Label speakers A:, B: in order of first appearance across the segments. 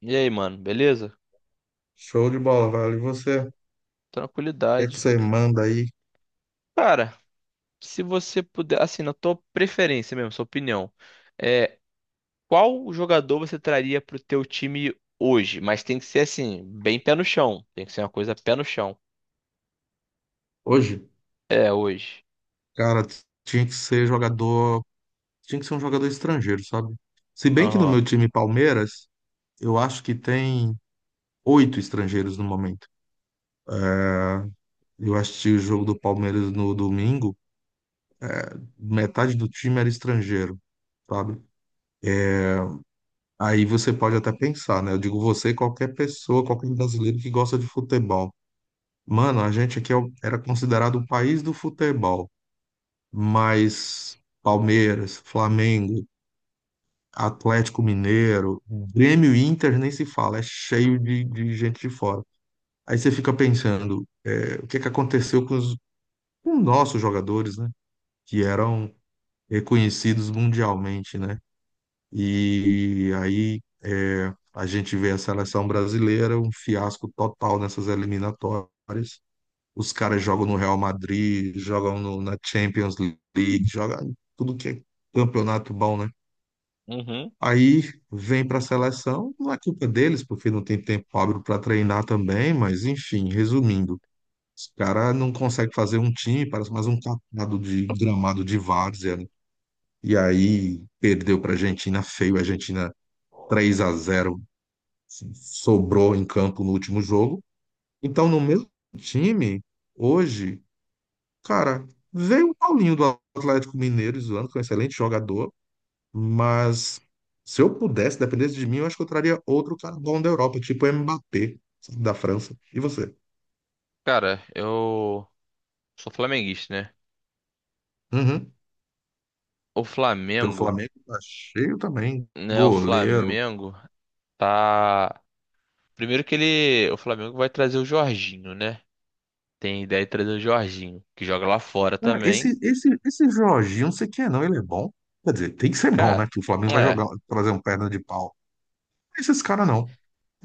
A: E aí, mano, beleza?
B: Show de bola, velho. E você, o que é que
A: Tranquilidade.
B: você manda aí?
A: Cara, se você puder, assim, na tua preferência mesmo, sua opinião, é, qual jogador você traria pro teu time hoje? Mas tem que ser assim, bem pé no chão. Tem que ser uma coisa pé no chão.
B: Hoje,
A: É, hoje.
B: cara, tinha que ser jogador, tinha que ser um jogador estrangeiro, sabe? Se bem que no
A: Aham.
B: meu time Palmeiras, eu acho que tem oito estrangeiros no momento. Eu assisti o jogo do Palmeiras no domingo, metade do time era estrangeiro, sabe? Aí você pode até pensar, né? Eu digo você, e qualquer pessoa, qualquer brasileiro que gosta de futebol. Mano, a gente aqui era considerado o país do futebol, mas Palmeiras, Flamengo, Atlético Mineiro, Grêmio e Inter nem se fala, é cheio de gente de fora. Aí você fica pensando, é, o que que aconteceu com os nossos jogadores, né? Que eram reconhecidos mundialmente, né? E aí é, a gente vê a seleção brasileira, um fiasco total nessas eliminatórias. Os caras jogam no Real Madrid, jogam na Champions League, jogam em tudo que é campeonato bom, né?
A: Uhum.
B: Aí vem para a seleção, não é culpa deles, porque não tem tempo hábil para treinar também, mas enfim, resumindo, os caras não conseguem fazer um time, parece mais um catado de gramado de várzea, né? E aí perdeu para a Argentina feio, a Argentina 3-0, assim, sobrou em campo no último jogo. Então, no mesmo time, hoje, cara, veio o Paulinho do Atlético Mineiro, zoando, que é um excelente jogador. Mas se eu pudesse, dependesse de mim, eu acho que eu traria outro cara bom da Europa, tipo o Mbappé, sabe, da França. E você?
A: Cara, eu sou flamenguista, né?
B: Uhum.
A: O
B: Teu
A: Flamengo,
B: Flamengo tá cheio também.
A: né? O
B: Goleiro.
A: Flamengo tá. Primeiro que ele. O Flamengo vai trazer o Jorginho, né? Tem ideia de trazer o Jorginho, que joga lá fora
B: Cara,
A: também.
B: esse Jorginho, não sei quem é, não. Ele é bom. Quer dizer, tem que ser bom, né?
A: Cara,
B: Que o Flamengo vai jogar,
A: é.
B: trazer um perna de pau. Esses caras não.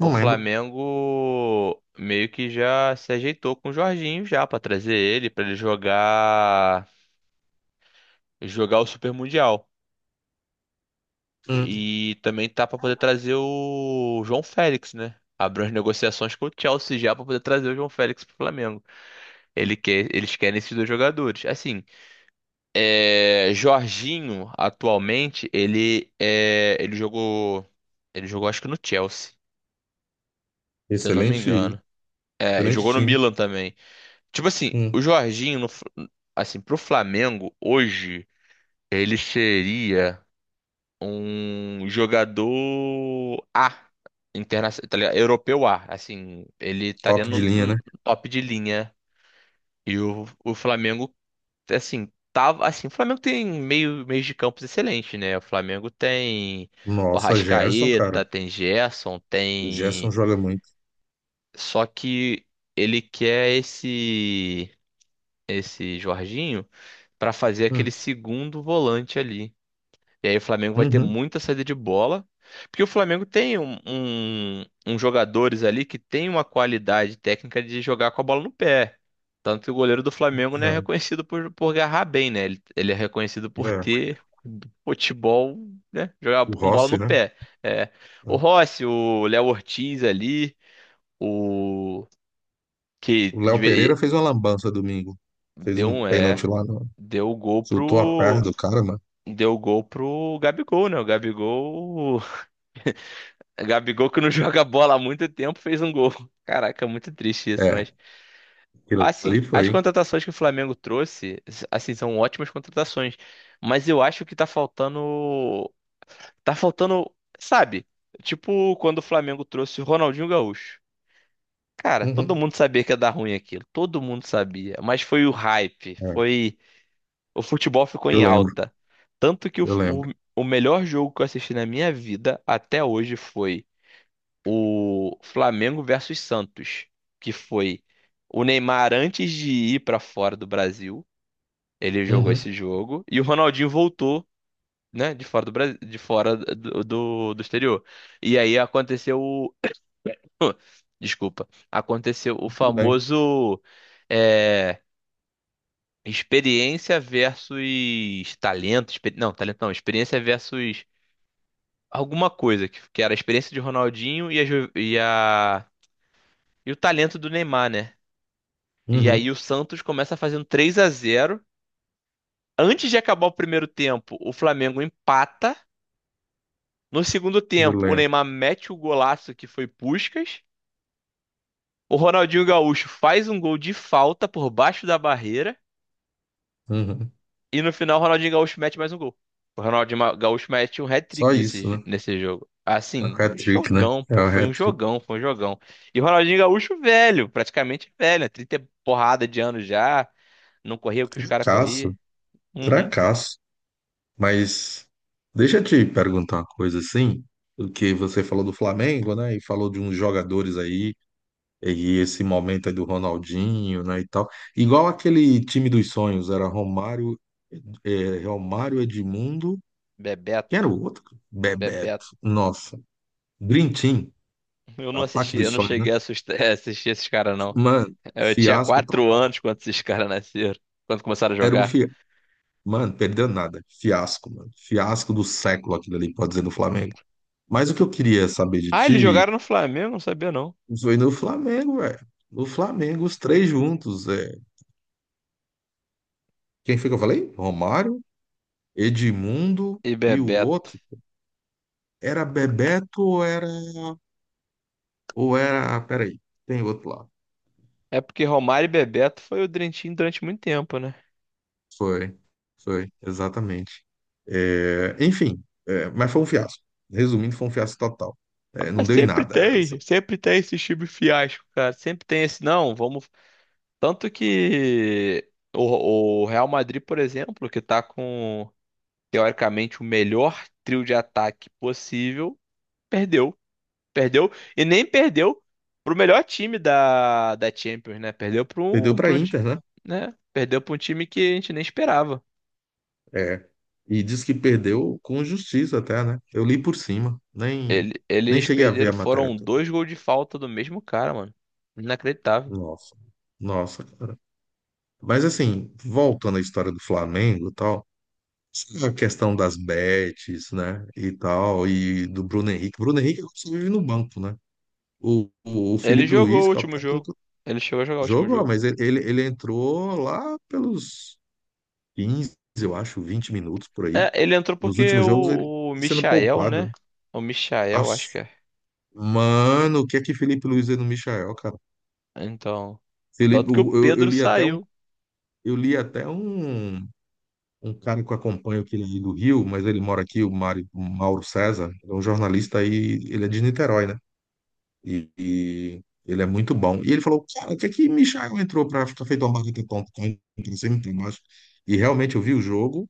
A: O
B: lembro.
A: Flamengo meio que já se ajeitou com o Jorginho já pra trazer ele, pra ele jogar o Super Mundial.
B: Hum.
A: E também tá pra poder trazer o João Félix, né? Abriu as negociações com o Chelsea já pra poder trazer o João Félix pro Flamengo. Ele quer, eles querem esses dois jogadores. Assim, Jorginho atualmente ele jogou acho que no Chelsea, se eu não me
B: Excelente,
A: engano. É, e
B: excelente
A: jogou no
B: time.
A: Milan também. Tipo assim, o
B: Hum.
A: Jorginho, no Fla- assim, pro Flamengo, hoje, ele seria um jogador A, internacional, tá ligado? Europeu A. Assim, ele estaria
B: Top
A: no,
B: de linha,
A: no
B: né?
A: top de linha. E o Flamengo, assim, tava. Assim, o Flamengo tem meios de campos excelente, né? O Flamengo tem o
B: Nossa, Gerson, cara.
A: Arrascaeta, tem Gerson,
B: O Gerson
A: tem.
B: joga muito.
A: Só que ele quer esse Jorginho para fazer aquele
B: Hum.
A: segundo volante ali. E aí o Flamengo vai ter
B: Uhum.
A: muita saída de bola, porque o Flamengo tem uns jogadores ali que tem uma qualidade técnica de jogar com a bola no pé. Tanto que o goleiro do Flamengo não é
B: É,
A: reconhecido por agarrar bem, né? Ele é reconhecido por
B: é.
A: ter futebol, né? Jogar
B: O
A: com bola no
B: Rossi, né?
A: pé. É. O Rossi, o Léo Ortiz ali, o que
B: O Léo Pereira fez uma lambança domingo. Fez
A: Deu
B: um
A: um.
B: pênalti lá, no,
A: Deu o gol
B: soltou a perna
A: pro.
B: do cara, mano.
A: Deu o gol pro Gabigol, né? O Gabigol. Gabigol que não joga bola há muito tempo fez um gol. Caraca, muito triste isso,
B: É,
A: mas.
B: aquilo
A: Assim,
B: ali
A: as
B: foi.
A: contratações que o Flamengo trouxe, assim, são ótimas contratações. Mas eu acho que tá faltando. Tá faltando. Sabe? Tipo quando o Flamengo trouxe o Ronaldinho Gaúcho. Cara, todo
B: Uhum.
A: mundo sabia que ia dar ruim aquilo. Todo mundo sabia. Mas foi o hype.
B: É,
A: Foi. O futebol ficou
B: eu
A: em
B: lembro,
A: alta. Tanto que o,
B: eu lembro.
A: o, o melhor jogo que eu assisti na minha vida até hoje foi o Flamengo versus Santos, que foi o Neymar antes de ir pra fora do Brasil, ele jogou
B: Uhum.
A: esse jogo e o Ronaldinho voltou, né, de fora do Brasil, de fora do exterior. E aí aconteceu o Desculpa. Aconteceu o
B: Tudo bem.
A: famoso eh, experiência versus talento. Não, talento não. Experiência versus alguma coisa, que era a experiência de Ronaldinho e a, ju- e a- e o talento do Neymar, né? E aí
B: Uhum.
A: o Santos começa fazendo 3 a 0. Antes de acabar o primeiro tempo, o Flamengo empata. No segundo
B: Eu
A: tempo, o
B: lembro.
A: Neymar mete o golaço que foi Puskás. O Ronaldinho Gaúcho faz um gol de falta por baixo da barreira.
B: Uhum.
A: E no final, o Ronaldinho Gaúcho mete mais um gol. O Ronaldinho Gaúcho mete um
B: Só
A: hat-trick
B: isso, né?
A: nesse jogo.
B: É o
A: Assim, um
B: hat-trick, né?
A: jogão,
B: É
A: pô.
B: o
A: Foi um
B: hat-trick.
A: jogão, foi um jogão. E o Ronaldinho Gaúcho velho, praticamente velho, né? 30 porrada de anos já. Não corria o que os caras corriam.
B: Caço,
A: Uhum.
B: tracasso. Mas deixa eu te perguntar uma coisa assim, porque você falou do Flamengo, né? E falou de uns jogadores aí. E esse momento aí do Ronaldinho, né, e tal. Igual aquele time dos sonhos, era Romário, é, Romário Edmundo, quem era
A: Bebeto,
B: o outro? Bebeto,
A: Bebeto.
B: nossa. Dream Team,
A: Eu não
B: Ataque
A: assisti, eu
B: dos
A: não
B: Sonhos, né?
A: cheguei a assistir esses caras, não.
B: Mano,
A: Eu tinha
B: fiasco
A: quatro
B: total.
A: anos quando esses caras nasceram, quando começaram a
B: Era um
A: jogar.
B: fiasco. Mano, perdeu nada. Fiasco, mano. Fiasco do século aquilo ali, pode dizer, do Flamengo. Mas o que eu queria saber de
A: Ah, eles
B: ti
A: jogaram no Flamengo? Não sabia, não.
B: foi no Flamengo, velho. No Flamengo, os três juntos. É. Quem foi que eu falei? Romário, Edmundo
A: E
B: e o
A: Bebeto.
B: outro. Era Bebeto ou era. Ou era, ah, peraí, tem outro lá.
A: É porque Romário e Bebeto foi o Dream Team durante muito tempo, né?
B: Foi, foi, exatamente. É, enfim, é, mas foi um fiasco. Resumindo, foi um fiasco total. É,
A: Ah,
B: não deu em nada.
A: sempre tem esse time fiasco, cara. Sempre tem esse, não, vamos. Tanto que o Real Madrid, por exemplo, que tá com, teoricamente, o melhor trio de ataque possível, perdeu. Perdeu, e nem perdeu pro melhor time da Champions, né? Perdeu
B: Perdeu para a
A: pro um, ti-
B: Inter, né?
A: né? Perdeu pra um time que a gente nem esperava.
B: É, e diz que perdeu com justiça até, né? Eu li por cima, nem,
A: Ele-
B: nem
A: eles
B: cheguei a ver
A: perderam,
B: a matéria
A: foram
B: toda.
A: dois gols de falta do mesmo cara, mano. Inacreditável.
B: Nossa, nossa. Mas assim, voltando à história do Flamengo e tal. A questão das bets, né? E tal, e do Bruno Henrique. Bruno Henrique só vive no banco, né? O
A: Ele
B: Felipe
A: jogou o
B: Luiz, que é o
A: último jogo.
B: técnico,
A: Ele chegou a jogar o último
B: jogou,
A: jogo.
B: mas ele entrou lá pelos 15, eu acho, 20 minutos por aí.
A: É, ele entrou
B: Nos
A: porque
B: últimos jogos ele
A: o
B: tá sendo
A: Michael,
B: poupado,
A: né?
B: né?
A: O Michael,
B: Aff,
A: acho que é.
B: mano, o que é que Felipe Luiz é no Michael, cara?
A: Então.
B: Felipe,
A: Tanto que o
B: o- eu, eu
A: Pedro
B: li até um,
A: saiu,
B: eu li até um, um cara que eu acompanho que ele é do Rio, mas ele mora aqui, o Mário, Mauro César, é um jornalista aí, ele é de Niterói, né? E ele é muito bom. E ele falou, cara, o que é que Michael entrou para ficar feito uma marca de tonto? Então, sempre tem mais. E realmente eu vi o jogo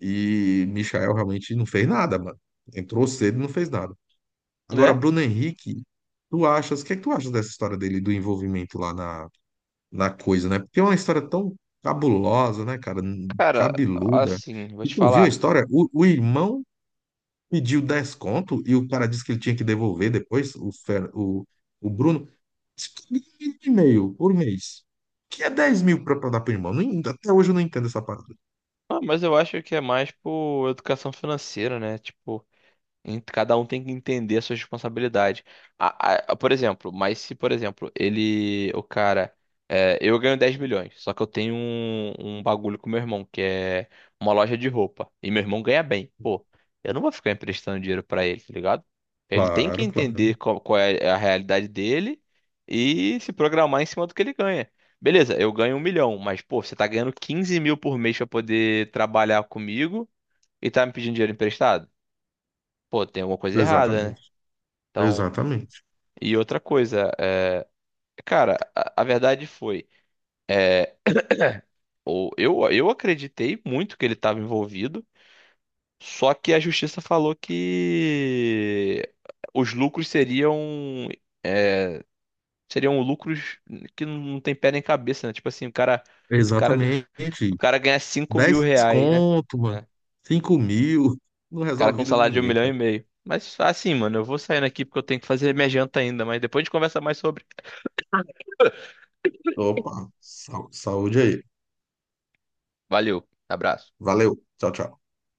B: e Michael realmente não fez nada, mano. Entrou cedo e não fez nada. Agora,
A: né?
B: Bruno Henrique, tu achas, o que é que tu achas dessa história dele, do envolvimento lá na coisa, né? Porque é uma história tão cabulosa, né, cara?
A: Cara,
B: Cabeluda.
A: assim, vou
B: E
A: te
B: tu viu a
A: falar.
B: história? O irmão pediu 10 conto e o cara disse que ele tinha que devolver depois, o Bruno. Isso tá um e meio por mês. Que é 10.000 para dar pro irmão. Não en- até hoje eu não entendo essa parada.
A: Ah, mas eu acho que é mais por educação financeira, né? Tipo, cada um tem que entender a sua responsabilidade. Por exemplo, mas se, por exemplo, ele, o cara, eu ganho 10 milhões, só que eu tenho um bagulho com meu irmão, que é uma loja de roupa, e meu irmão ganha bem. Pô, eu não vou ficar emprestando dinheiro pra ele, tá ligado? Ele tem que
B: Claro, claro.
A: entender qual é a realidade dele e se programar em cima do que ele ganha. Beleza, eu ganho 1 milhão, mas, pô, você tá ganhando 15 mil por mês pra poder trabalhar comigo e tá me pedindo dinheiro emprestado? Pô, tem alguma coisa errada, né?
B: Exatamente.
A: Então,
B: Exatamente.
A: e outra coisa, cara, a verdade foi, é, eu acreditei muito que ele estava envolvido, só que a justiça falou que os lucros é, seriam lucros que não tem pé nem cabeça, né? Tipo assim, o cara, o
B: Exatamente.
A: cara ganha 5 mil
B: dez
A: reais, né?
B: conto, mano.
A: Né?
B: 5.000. Não
A: O cara
B: resolve a
A: com um
B: vida de
A: salário de um
B: ninguém,
A: milhão e
B: cara.
A: meio. Mas assim, mano, eu vou saindo aqui porque eu tenho que fazer minha janta ainda, mas depois a gente conversa mais sobre.
B: Opa, saúde aí.
A: Valeu, abraço.
B: Valeu. Tchau, tchau.